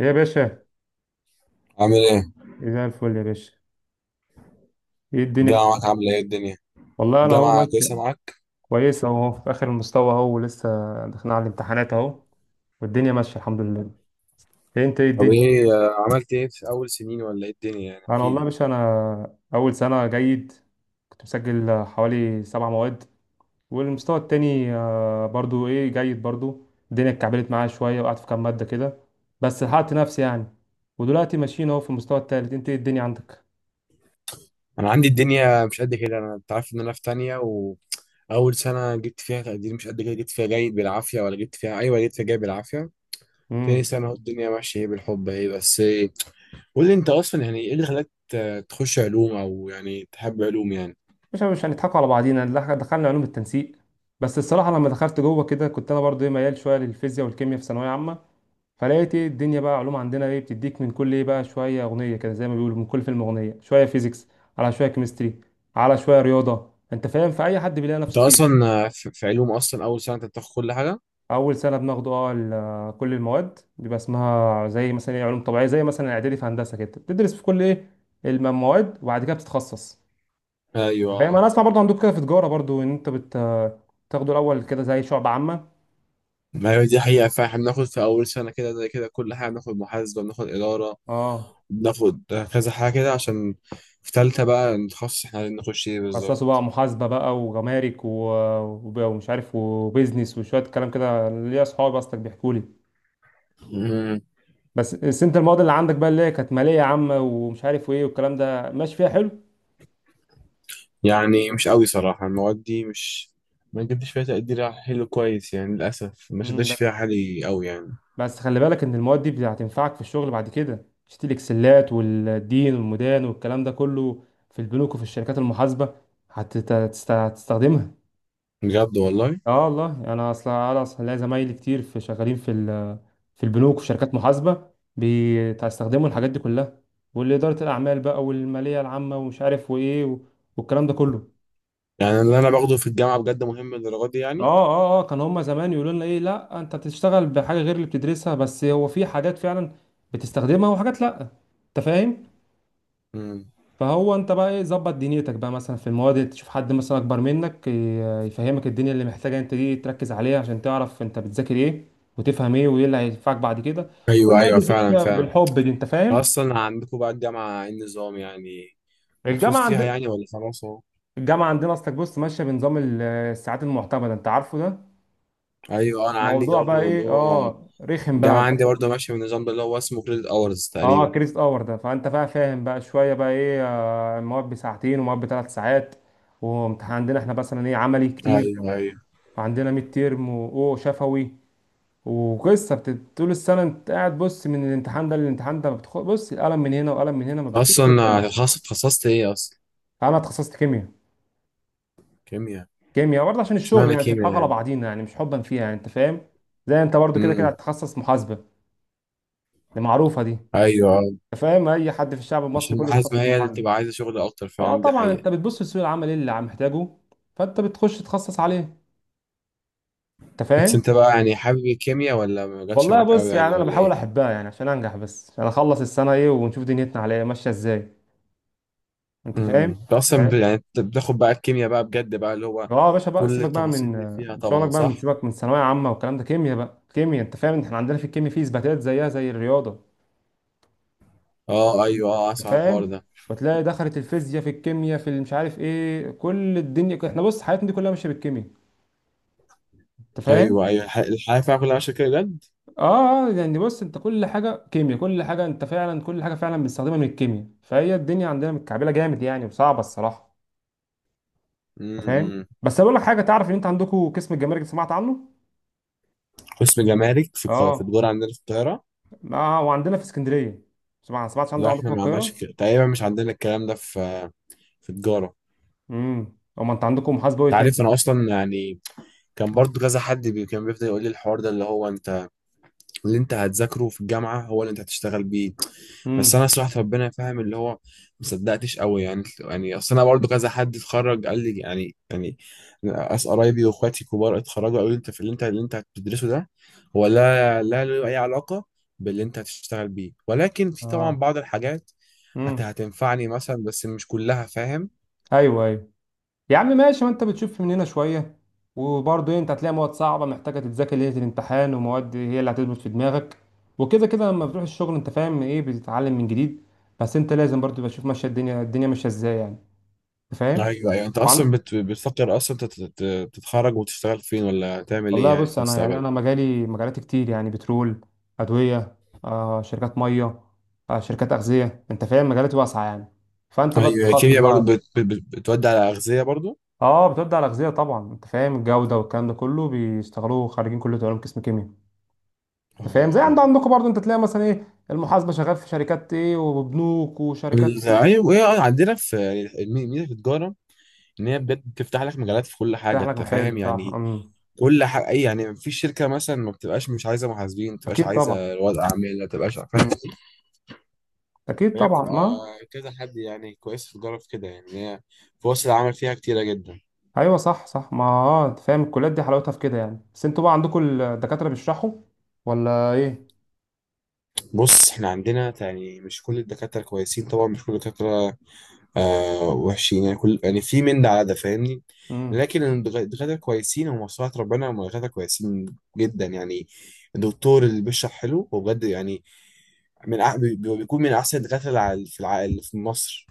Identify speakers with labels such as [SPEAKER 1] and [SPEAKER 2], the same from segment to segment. [SPEAKER 1] يا باشا.
[SPEAKER 2] عامل ايه؟
[SPEAKER 1] إيه زي الفل يا باشا. ايه الدنيا في...
[SPEAKER 2] الجامعة معاك عاملة ايه الدنيا؟
[SPEAKER 1] والله انا اهو
[SPEAKER 2] الجامعة
[SPEAKER 1] ماشي.
[SPEAKER 2] كويسة معاك؟
[SPEAKER 1] كويس اهو في اخر المستوى اهو، ولسه داخلين على الامتحانات اهو، والدنيا ماشيه الحمد لله. إيه انت، ايه
[SPEAKER 2] طب
[SPEAKER 1] الدنيا؟
[SPEAKER 2] ايه عملت ايه في أول سنين ولا ايه الدنيا، يعني
[SPEAKER 1] انا
[SPEAKER 2] احكي
[SPEAKER 1] والله يا
[SPEAKER 2] لي.
[SPEAKER 1] باشا، انا اول سنه جيد. كنت مسجل حوالي 7 مواد. والمستوى التاني برضو ايه، جيد برضو. الدنيا اتكعبلت معايا شويه وقعدت في كام ماده كده، بس لحقت نفسي يعني. ودلوقتي ماشيين اهو في المستوى التالت. انت ايه الدنيا عندك؟
[SPEAKER 2] أنا عندي الدنيا مش قد كده. أنا أنت عارف إن أنا في تانية، وأول سنة جبت فيها تقدير مش قد كده، جبت فيها جيد بالعافية، ولا جبت فيها أيوة جبت فيها جيد بالعافية. تاني سنة أهو الدنيا ماشية ايه بالحب ايه، بس إيه؟ قول لي أنت أصلا يعني ايه اللي خلاك تخش علوم، أو يعني تحب علوم يعني؟
[SPEAKER 1] مش هنضحكوا على بعضينا. دخلنا علوم التنسيق. بس الصراحه لما دخلت جوه كده كنت انا برضو ايه، ميال شويه للفيزياء والكيمياء في ثانويه عامه. فلقيت ايه الدنيا بقى، علوم عندنا ايه، بتديك من كل ايه بقى شويه اغنيه كده، زي ما بيقولوا من كل فيلم اغنيه، شويه فيزيكس على شويه كيمستري على شويه رياضه، انت فاهم؟ فاي حد بيلاقي
[SPEAKER 2] أنت
[SPEAKER 1] نفسه فيه.
[SPEAKER 2] أصلا في علوم أصلا أول سنة أنت بتاخد كل حاجة؟
[SPEAKER 1] اول سنه بناخده، اه، كل المواد بيبقى اسمها زي مثلا ايه علوم طبيعيه، زي مثلا اعدادي في هندسه كده بتدرس في كل ايه المواد، وبعد كده بتتخصص. فاهم؟
[SPEAKER 2] أيوة.
[SPEAKER 1] انا اسمع برضو عندكم كده في تجاره برضو، ان انت تاخدوا الاول كده زي شعب عامه.
[SPEAKER 2] ما هي دي حقيقة، فاحنا بناخد في أول سنة كده زي كده كل حاجة، بناخد محاسبة بناخد إدارة
[SPEAKER 1] اه،
[SPEAKER 2] بناخد كذا حاجة كده، عشان في تالتة بقى نتخصص احنا عايزين نخش ايه
[SPEAKER 1] خصصوا
[SPEAKER 2] بالظبط.
[SPEAKER 1] بقى محاسبه بقى وجمارك و... ومش عارف، وبيزنس، وشويه كلام كده ليا اصحابي اصلك بيحكوا لي.
[SPEAKER 2] مم.
[SPEAKER 1] بس انت المواد اللي عندك بقى، اللي هي كانت ماليه عامه ومش عارف وايه والكلام ده، ماشي فيها حلو؟
[SPEAKER 2] يعني مش قوي صراحة المواد دي مش، ما جبتش فيها تقدير حلو كويس يعني، للأسف ما
[SPEAKER 1] مم،
[SPEAKER 2] شدتش
[SPEAKER 1] بس،
[SPEAKER 2] فيها حالي قوي يعني.
[SPEAKER 1] بس خلي بالك ان المواد دي هتنفعك في الشغل بعد كده. شت الاكسلات والدين والمدان والكلام ده كله في البنوك وفي الشركات المحاسبه هتستخدمها.
[SPEAKER 2] بجد والله.
[SPEAKER 1] اه والله، انا اصلا ليا زمايلي كتير، في شغالين في في البنوك وفي شركات محاسبه، بيستخدموا الحاجات دي كلها. والاداره الاعمال بقى، والماليه العامه، ومش عارف وايه و- والكلام ده كله.
[SPEAKER 2] يعني اللي أنا باخده في الجامعة بجد مهم للدرجة دي
[SPEAKER 1] اه
[SPEAKER 2] يعني؟
[SPEAKER 1] اه اه، كان هما زمان يقولوا لنا ايه، لا انت بتشتغل بحاجه غير اللي بتدرسها، بس هو في حاجات فعلا بتستخدمها وحاجات لا، انت فاهم.
[SPEAKER 2] مم.
[SPEAKER 1] فهو انت بقى ايه، ظبط دنيتك بقى مثلا في المواد. تشوف حد مثلا اكبر منك يفهمك الدنيا اللي محتاجه انت دي، تركز عليها عشان تعرف انت بتذاكر ايه، وتفهم ايه، وايه اللي هينفعك بعد كده.
[SPEAKER 2] أيوه
[SPEAKER 1] والمواد
[SPEAKER 2] أيوه،
[SPEAKER 1] اللي
[SPEAKER 2] فعلا
[SPEAKER 1] بتمشي
[SPEAKER 2] فعلا.
[SPEAKER 1] بالحب دي، انت فاهم.
[SPEAKER 2] أصلا عندكم بقى الجامعة ايه النظام، يعني مبسوط
[SPEAKER 1] الجامعه
[SPEAKER 2] فيها
[SPEAKER 1] عندنا
[SPEAKER 2] يعني ولا خلاص أهو؟
[SPEAKER 1] الجامعه عندنا اصلك بص ماشيه بنظام الساعات المعتمده، انت عارفه ده.
[SPEAKER 2] ايوه انا عندي
[SPEAKER 1] موضوع بقى
[SPEAKER 2] برضه اللي
[SPEAKER 1] ايه،
[SPEAKER 2] هو،
[SPEAKER 1] اه، رخم بقى
[SPEAKER 2] الجامعة
[SPEAKER 1] انت.
[SPEAKER 2] عندي برضه ماشية بالنظام ده اللي هو اسمه كريدت اورز
[SPEAKER 1] اه
[SPEAKER 2] تقريبا.
[SPEAKER 1] كريست اور ده، فانت بقى فاهم بقى شويه بقى ايه، المواد بساعتين ومواد ب3 ساعات. وامتحان عندنا احنا مثلا ايه عملي كتير.
[SPEAKER 2] ايوه ايوه.
[SPEAKER 1] وعندنا ميد تيرم واو شفوي. وقصه طول السنه انت قاعد. بص، من الامتحان ده للامتحان ده ما بتخ... بص القلم من هنا وقلم من هنا، ما بتشوفش
[SPEAKER 2] اصلا
[SPEAKER 1] قدامك.
[SPEAKER 2] خاص اتخصصت ايه اصلا؟
[SPEAKER 1] انا اتخصصت كيمياء.
[SPEAKER 2] كيمياء.
[SPEAKER 1] كيمياء برضه عشان
[SPEAKER 2] مش
[SPEAKER 1] الشغل
[SPEAKER 2] معنى
[SPEAKER 1] يعني، مش
[SPEAKER 2] كيمياء
[SPEAKER 1] هنضحك على
[SPEAKER 2] يعني.
[SPEAKER 1] بعضينا يعني، مش حبا فيها يعني، انت فاهم. زي انت برضه، كده كده
[SPEAKER 2] امم.
[SPEAKER 1] هتتخصص محاسبه. دي معروفه دي،
[SPEAKER 2] ايوه آه.
[SPEAKER 1] انت فاهم، اي حد في الشعب المصري
[SPEAKER 2] عشان
[SPEAKER 1] كله
[SPEAKER 2] المحاسبة
[SPEAKER 1] بيتخصص
[SPEAKER 2] هي اللي
[SPEAKER 1] محاسبه.
[SPEAKER 2] بتبقى عايزة شغل اكتر،
[SPEAKER 1] اه
[SPEAKER 2] فعلا دي
[SPEAKER 1] طبعا،
[SPEAKER 2] حقيقة.
[SPEAKER 1] انت بتبص لسوق العمل، ايه اللي عم محتاجه، فانت بتخش تتخصص عليه، انت
[SPEAKER 2] بس
[SPEAKER 1] فاهم.
[SPEAKER 2] انت بقى يعني حابب الكيمياء ولا ما جاتش
[SPEAKER 1] والله
[SPEAKER 2] معاك قوي
[SPEAKER 1] بص،
[SPEAKER 2] يعني
[SPEAKER 1] يعني انا
[SPEAKER 2] ولا
[SPEAKER 1] بحاول
[SPEAKER 2] ايه؟
[SPEAKER 1] احبها يعني عشان انجح، بس عشان اخلص السنه ايه، ونشوف دنيتنا عليها ماشيه ازاي، انت
[SPEAKER 2] امم،
[SPEAKER 1] فاهم.
[SPEAKER 2] انت اصلا ب-
[SPEAKER 1] فاهم؟
[SPEAKER 2] يعني أنت بتاخد بقى الكيمياء بقى بجد بقى، اللي هو
[SPEAKER 1] اه يا باشا، بقى
[SPEAKER 2] كل
[SPEAKER 1] سيبك بقى
[SPEAKER 2] التفاصيل
[SPEAKER 1] من
[SPEAKER 2] اللي فيها
[SPEAKER 1] شغلك
[SPEAKER 2] طبعا،
[SPEAKER 1] بقى. من،
[SPEAKER 2] صح؟
[SPEAKER 1] سيبك من ثانويه عامه والكلام ده. كيمياء بقى كيمياء. انت فاهم، احنا عندنا في الكيمياء في اثباتات زيها زي الرياضه،
[SPEAKER 2] اه ايوه، اه
[SPEAKER 1] انت
[SPEAKER 2] اسمع عن الحوار
[SPEAKER 1] فاهم.
[SPEAKER 2] ده.
[SPEAKER 1] وتلاقي دخلت الفيزياء في الكيمياء في مش عارف ايه، كل الدنيا، احنا بص حياتنا دي كلها ماشيه بالكيمياء، انت فاهم.
[SPEAKER 2] ايوه ايوه، الحياة فيها كلها ماشية كده بجد.
[SPEAKER 1] اه اه، يعني بص، انت كل حاجه كيمياء، كل حاجه انت فعلا، كل حاجه فعلا بنستخدمها من الكيمياء. فهي الدنيا عندنا متكعبله جامد يعني، وصعبه الصراحه، انت فاهم.
[SPEAKER 2] امم.
[SPEAKER 1] بس اقول لك حاجه، تعرف ان انت عندكم قسم الجمارك، سمعت عنه؟
[SPEAKER 2] قسم جمارك في في
[SPEAKER 1] اه.
[SPEAKER 2] الدور عندنا في القاهرة.
[SPEAKER 1] لا، وعندنا في اسكندريه. سمعت عنده
[SPEAKER 2] لا،
[SPEAKER 1] عندكم
[SPEAKER 2] احنا
[SPEAKER 1] في
[SPEAKER 2] ما عندناش
[SPEAKER 1] القاهره؟
[SPEAKER 2] ك- تقريبا مش عندنا الكلام ده في، في تجارة.
[SPEAKER 1] امم، امال انت عندكم محاسبه ايه
[SPEAKER 2] انت
[SPEAKER 1] تاني؟
[SPEAKER 2] عارف انا اصلا يعني كان برضو كذا حد بي كان بيفضل يقول لي الحوار ده، اللي هو انت اللي انت هتذاكره في الجامعة هو اللي انت هتشتغل بيه. بس
[SPEAKER 1] امم.
[SPEAKER 2] انا صراحة ربنا فاهم اللي هو، ما صدقتش قوي يعني. يعني اصل انا برضو كذا حد اتخرج قال لي، يعني يعني ناس قرايبي واخواتي كبار اتخرجوا قالوا لي انت في اللي انت اللي انت هتدرسه ده هو لا له اي علاقة باللي انت هتشتغل بيه، ولكن في طبعا
[SPEAKER 1] اه،
[SPEAKER 2] بعض الحاجات
[SPEAKER 1] امم.
[SPEAKER 2] هتنفعني مثلا، بس مش كلها، فاهم؟
[SPEAKER 1] ايوه، ايوه، يا عم ماشي، ما انت بتشوف من هنا شويه. وبرضه انت هتلاقي مواد صعبه محتاجه تتذاكر ليله الامتحان، ومواد هي اللي هتثبت في دماغك. وكده كده لما بتروح الشغل انت فاهم ايه، بتتعلم من جديد. بس انت لازم برضه تبقى تشوف ماشيه الدنيا الدنيا ماشيه ازاي يعني، أنت فاهم.
[SPEAKER 2] ايوه ايوه. انت اصلا
[SPEAKER 1] وعن-
[SPEAKER 2] بت... بتفكر اصلا تت... تت- تتخرج وتشتغل فين، ولا تعمل ايه
[SPEAKER 1] والله
[SPEAKER 2] يعني
[SPEAKER 1] بص،
[SPEAKER 2] في
[SPEAKER 1] انا يعني،
[SPEAKER 2] المستقبل؟
[SPEAKER 1] انا مجالي مجالات كتير، يعني بترول، ادويه، آه، شركات ميه، آه، شركات اغذيه، انت فاهم. مجالات واسعه يعني، فانت بقى
[SPEAKER 2] ايوه
[SPEAKER 1] بتخصص
[SPEAKER 2] الكيمياء برضو
[SPEAKER 1] بقى.
[SPEAKER 2] بت... بت... بت- بتودي على اغذيه برضو.
[SPEAKER 1] اه، بتبدا على الاغذيه طبعا. انت فاهم، الجوده والكلام ده كله بيشتغلوه خريجين كليه علوم قسم كيمياء. انت فاهم زي
[SPEAKER 2] اه
[SPEAKER 1] عندكم برضو، انت تلاقي مثلا ايه المحاسبه شغال في شركات ايه، وبنوك وشركات.
[SPEAKER 2] ايوه عندنا في ميزه في التجاره ان هي بجد بتفتح لك مجالات في كل
[SPEAKER 1] تفتح
[SPEAKER 2] حاجه،
[SPEAKER 1] لك
[SPEAKER 2] انت
[SPEAKER 1] محل،
[SPEAKER 2] فاهم
[SPEAKER 1] صح،
[SPEAKER 2] يعني
[SPEAKER 1] امم.
[SPEAKER 2] كل حاجه، اي يعني في شركه مثلا ما بتبقاش مش عايزه محاسبين، ما بتبقاش
[SPEAKER 1] اكيد طبعا،
[SPEAKER 2] عايزه رواد اعمال، ما بتبقاش فاهم؟
[SPEAKER 1] امم، اكيد
[SPEAKER 2] فهي
[SPEAKER 1] طبعا
[SPEAKER 2] بتبقى
[SPEAKER 1] ما.
[SPEAKER 2] كذا حد يعني كويس في التجاره في كده، يعني إن هي فرص العمل فيها كتيره جدا.
[SPEAKER 1] ايوه، صح صح، ما اه، انت فاهم الكليات دي حلاوتها في كده يعني. بس انتوا بقى عندكم الدكاتره بيشرحوا ولا ايه؟
[SPEAKER 2] بص احنا عندنا يعني مش كل الدكاترة كويسين طبعا، مش كل الدكاترة وحشين يعني، كل يعني في من ده على ده فاهمني؟
[SPEAKER 1] امم،
[SPEAKER 2] لكن الدكاترة كويسين، ومصلحة ربنا هم دكاترة كويسين جدا يعني. الدكتور اللي بيشرح حلو هو بجد يعني من أح- بي- بي- بيكون من أحسن الدكاترة اللي في اللي في مصر.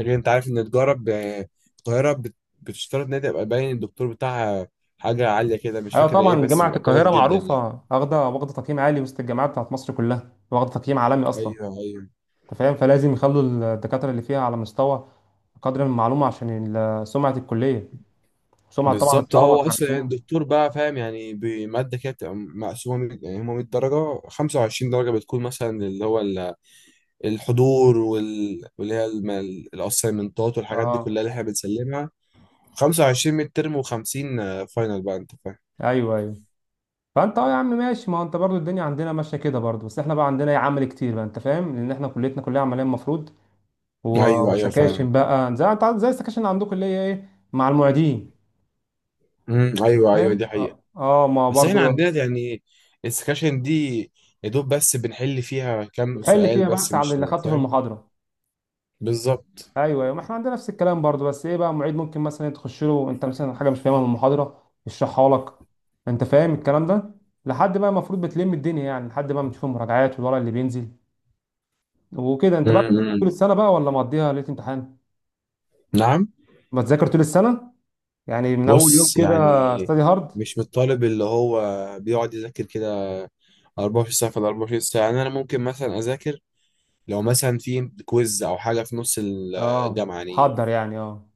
[SPEAKER 2] لكن أنت عارف إن تجارة القاهرة بتشترط إن هي تبقى باين الدكتور بتاعها حاجة عالية كده، مش
[SPEAKER 1] ايوه
[SPEAKER 2] فاكر إيه،
[SPEAKER 1] طبعا،
[SPEAKER 2] بس
[SPEAKER 1] جامعه
[SPEAKER 2] بيبقى كويس
[SPEAKER 1] القاهره
[SPEAKER 2] جدا يعني.
[SPEAKER 1] معروفه. واخده تقييم عالي وسط الجامعات بتاعت مصر كلها، واخده تقييم عالمي اصلا،
[SPEAKER 2] أيوه أيوه.
[SPEAKER 1] انت فاهم. فلازم يخلوا الدكاتره اللي فيها على مستوى، قدر من المعلومه عشان سمعه الكليه، سمعه طبعا
[SPEAKER 2] بالظبط.
[SPEAKER 1] الطلبه
[SPEAKER 2] هو اصلا يعني
[SPEAKER 1] مم.
[SPEAKER 2] الدكتور بقى فاهم يعني بماده كده بتبقى مقسومه مية- يعني هم 100 درجه، 25 درجه بتكون مثلا اللي هو الحضور واللي هي الاسايمنتات والحاجات دي كلها
[SPEAKER 1] اه،
[SPEAKER 2] اللي احنا بنسلمها، 25 ميد ترم، و50 فاينل بقى، انت فاهم؟
[SPEAKER 1] ايوه، ايوه. فانت، اه يا عم ماشي، ما هو انت برضو الدنيا عندنا ماشيه كده برضو، بس احنا بقى عندنا عمل كتير بقى، انت فاهم، لان احنا كليتنا كلها عمليه المفروض. و-
[SPEAKER 2] ايوه ايوه فعلا.
[SPEAKER 1] وسكاشن بقى، زي انت عارف، زي السكاشن اللي عندكم اللي هي ايه، مع المعيدين،
[SPEAKER 2] ايوه ايوه، دي
[SPEAKER 1] فاهم.
[SPEAKER 2] حقيقه.
[SPEAKER 1] اه، ما
[SPEAKER 2] بس احنا
[SPEAKER 1] برضو
[SPEAKER 2] عندنا يعني السكاشن دي يا دوب بس بنحل فيها كام
[SPEAKER 1] بتحل
[SPEAKER 2] سؤال
[SPEAKER 1] فيها
[SPEAKER 2] بس،
[SPEAKER 1] بس على
[SPEAKER 2] مش
[SPEAKER 1] اللي خدته في
[SPEAKER 2] فاهم.
[SPEAKER 1] المحاضره.
[SPEAKER 2] بالظبط.
[SPEAKER 1] ايوه، أيوة، ما احنا عندنا نفس الكلام برضو، بس ايه بقى معيد ممكن مثلا تخش له انت مثلا حاجه مش فاهمها من المحاضره يشرحها لك، انت فاهم الكلام ده. لحد بقى المفروض بتلم الدنيا يعني، لحد بقى ما تشوف المراجعات والورق اللي بينزل وكده. انت بقى بتذاكر
[SPEAKER 2] امم.
[SPEAKER 1] طول السنه بقى ولا مقضيها ليله امتحان؟
[SPEAKER 2] نعم.
[SPEAKER 1] ما تذاكر طول السنه، يعني من اول يوم
[SPEAKER 2] بص
[SPEAKER 1] كده.
[SPEAKER 2] يعني
[SPEAKER 1] استادي هارد.
[SPEAKER 2] مش من الطالب اللي هو بيقعد يذاكر كده 24 ساعة في ال 24 ساعة. يعني أنا ممكن مثلا أذاكر لو مثلا في كويز أو حاجة في نص
[SPEAKER 1] اه،
[SPEAKER 2] الجامعة يعني.
[SPEAKER 1] حضر يعني، اه.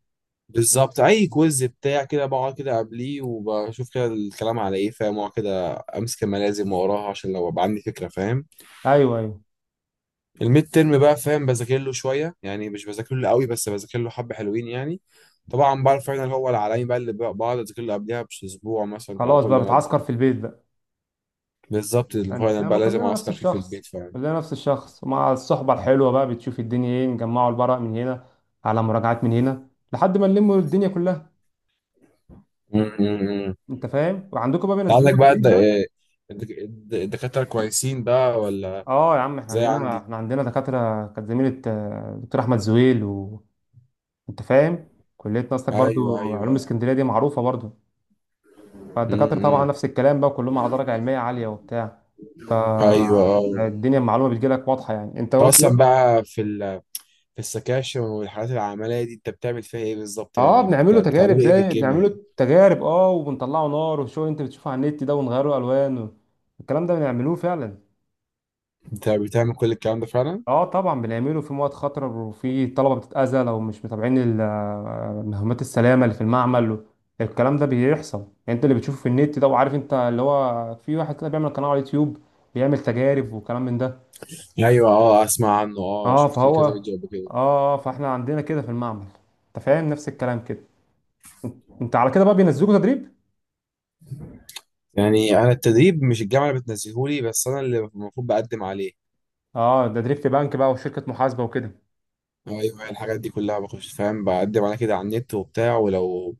[SPEAKER 2] بالظبط. أي كويز بتاع كده بقعد كده قبليه وبشوف كده الكلام على إيه، فاهم؟ وأقعد كده أمسك الملازم وأقراها عشان لو أبقى عندي فكرة، فاهم؟
[SPEAKER 1] ايوه، ايوه.
[SPEAKER 2] الميد ترم بقى فاهم بذاكر له شوية، يعني مش بذاكر له قوي بس بذاكر له حبة حلوين يعني. طبعا بقى الفاينل هو العالمي بقى اللي بقعد أذاكر له قبلها بأسبوع مثلا على
[SPEAKER 1] خلاص بقى
[SPEAKER 2] كل مادة.
[SPEAKER 1] بتعسكر في البيت بقى.
[SPEAKER 2] بالظبط،
[SPEAKER 1] انت
[SPEAKER 2] المقارنة
[SPEAKER 1] فاهمه،
[SPEAKER 2] بقى لازم
[SPEAKER 1] كلنا نفس
[SPEAKER 2] أعسكر فيه في
[SPEAKER 1] الشخص.
[SPEAKER 2] البيت فعلا.
[SPEAKER 1] كلنا نفس الشخص. ومع الصحبه الحلوه بقى بتشوف الدنيا، ايه نجمعوا الورق من هنا، على مراجعات من هنا، لحد ما نلموا الدنيا كلها،
[SPEAKER 2] م.
[SPEAKER 1] انت فاهم. وعندكم بقى
[SPEAKER 2] أنت عندك
[SPEAKER 1] بينزلوكم
[SPEAKER 2] بقى
[SPEAKER 1] تدريب بقى؟
[SPEAKER 2] الدكاترة كويسين بقى ولا،
[SPEAKER 1] اه يا عم،
[SPEAKER 2] زي عندي؟
[SPEAKER 1] احنا عندنا دكاتره كانت زميله دكتور احمد زويل، وانت فاهم. كليه ناستك
[SPEAKER 2] أيوه أيوه
[SPEAKER 1] برضو، علوم
[SPEAKER 2] أيوه.
[SPEAKER 1] اسكندريه دي معروفه برضو.
[SPEAKER 2] م-
[SPEAKER 1] فالدكاتره طبعا نفس
[SPEAKER 2] م.
[SPEAKER 1] الكلام بقى، كلهم على درجه علميه عاليه وبتاع.
[SPEAKER 2] أيوه أه.
[SPEAKER 1] فالدنيا المعلومه بتجيلك واضحه يعني، انت.
[SPEAKER 2] أنت أصلا بقى في ال... في السكاشن والحالات العملية دي أنت بتعمل فيها إيه بالظبط،
[SPEAKER 1] اه،
[SPEAKER 2] يعني
[SPEAKER 1] بنعمله
[SPEAKER 2] بتع...
[SPEAKER 1] تجارب،
[SPEAKER 2] بتعمل إيه في
[SPEAKER 1] زي
[SPEAKER 2] الجيم يعني؟
[SPEAKER 1] بنعمله تجارب، اه، وبنطلعه نار، والشغل اللي انت بتشوفه على النت ده، ونغيره الوان و... الكلام ده بنعملوه فعلا.
[SPEAKER 2] أنت بتعمل كل الكلام ده فعلا؟
[SPEAKER 1] اه طبعا، بنعمله في مواد خطره، وفي طلبه بتتاذى لو مش متابعين مهمات السلامه اللي في المعمل. الكلام ده بيحصل يعني. انت اللي بتشوفه في النت ده، وعارف انت اللي هو في واحد كده بيعمل قناه على اليوتيوب، بيعمل تجارب وكلام من ده.
[SPEAKER 2] أيوه أه، أسمع عنه أه،
[SPEAKER 1] اه
[SPEAKER 2] شفت لي
[SPEAKER 1] فهو،
[SPEAKER 2] كذا
[SPEAKER 1] اه،
[SPEAKER 2] فيديو قبل كده.
[SPEAKER 1] فاحنا عندنا كده في المعمل، انت فاهم نفس الكلام كده. انت على كده بقى بينزلوك تدريب.
[SPEAKER 2] يعني أنا التدريب مش الجامعة اللي بتنزلهولي، بس أنا اللي المفروض بقدم عليه.
[SPEAKER 1] اه، تدريب في بنك بقى، وشركة محاسبة وكده.
[SPEAKER 2] ايوه الحاجات دي كلها بخش فاهم بقدم على كده على النت وبتاع، ولو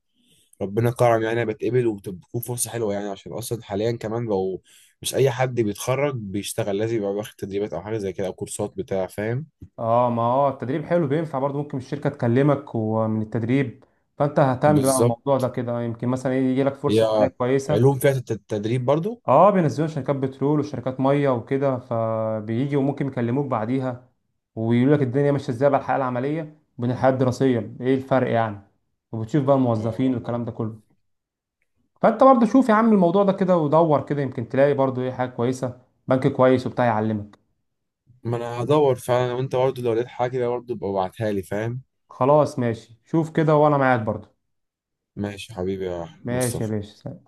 [SPEAKER 2] ربنا كرم يعني أنا بتقبل وبتكون فرصه حلوه يعني، عشان اصلا حاليا كمان بقوا مش اي حد بيتخرج بيشتغل، لازم يبقى واخد تدريبات او حاجه زي كده او كورسات بتاع فاهم.
[SPEAKER 1] اه، ما هو التدريب حلو بينفع برضو، ممكن الشركة تكلمك ومن التدريب. فانت اهتم بقى
[SPEAKER 2] بالظبط.
[SPEAKER 1] الموضوع ده كده، يمكن مثلا إيه يجي لك فرصة عملية
[SPEAKER 2] هي
[SPEAKER 1] كويسة.
[SPEAKER 2] علوم فيها تدريب برضو؟
[SPEAKER 1] اه، بينزلوا شركات بترول، وشركات مية وكده، فبيجي وممكن يكلموك بعديها، ويقول لك الدنيا ماشية ازاي بقى، الحياة العملية بين الحياة الدراسية ايه الفرق يعني. وبتشوف بقى
[SPEAKER 2] اه
[SPEAKER 1] الموظفين
[SPEAKER 2] والله.
[SPEAKER 1] والكلام ده كله. فانت برضو شوف يا عم الموضوع ده كده، ودور كده، يمكن تلاقي برضو ايه حاجة كويسة، بنك كويس وبتاع يعلمك.
[SPEAKER 2] ما انا هدور فعلا، وانت برضو لو لقيت حاجه برضو ابقى ابعتها لي، فاهم؟
[SPEAKER 1] خلاص ماشي، شوف كده، وانا معاك برضو.
[SPEAKER 2] ماشي حبيبي يا
[SPEAKER 1] ماشي يا
[SPEAKER 2] مصطفى.
[SPEAKER 1] باشا.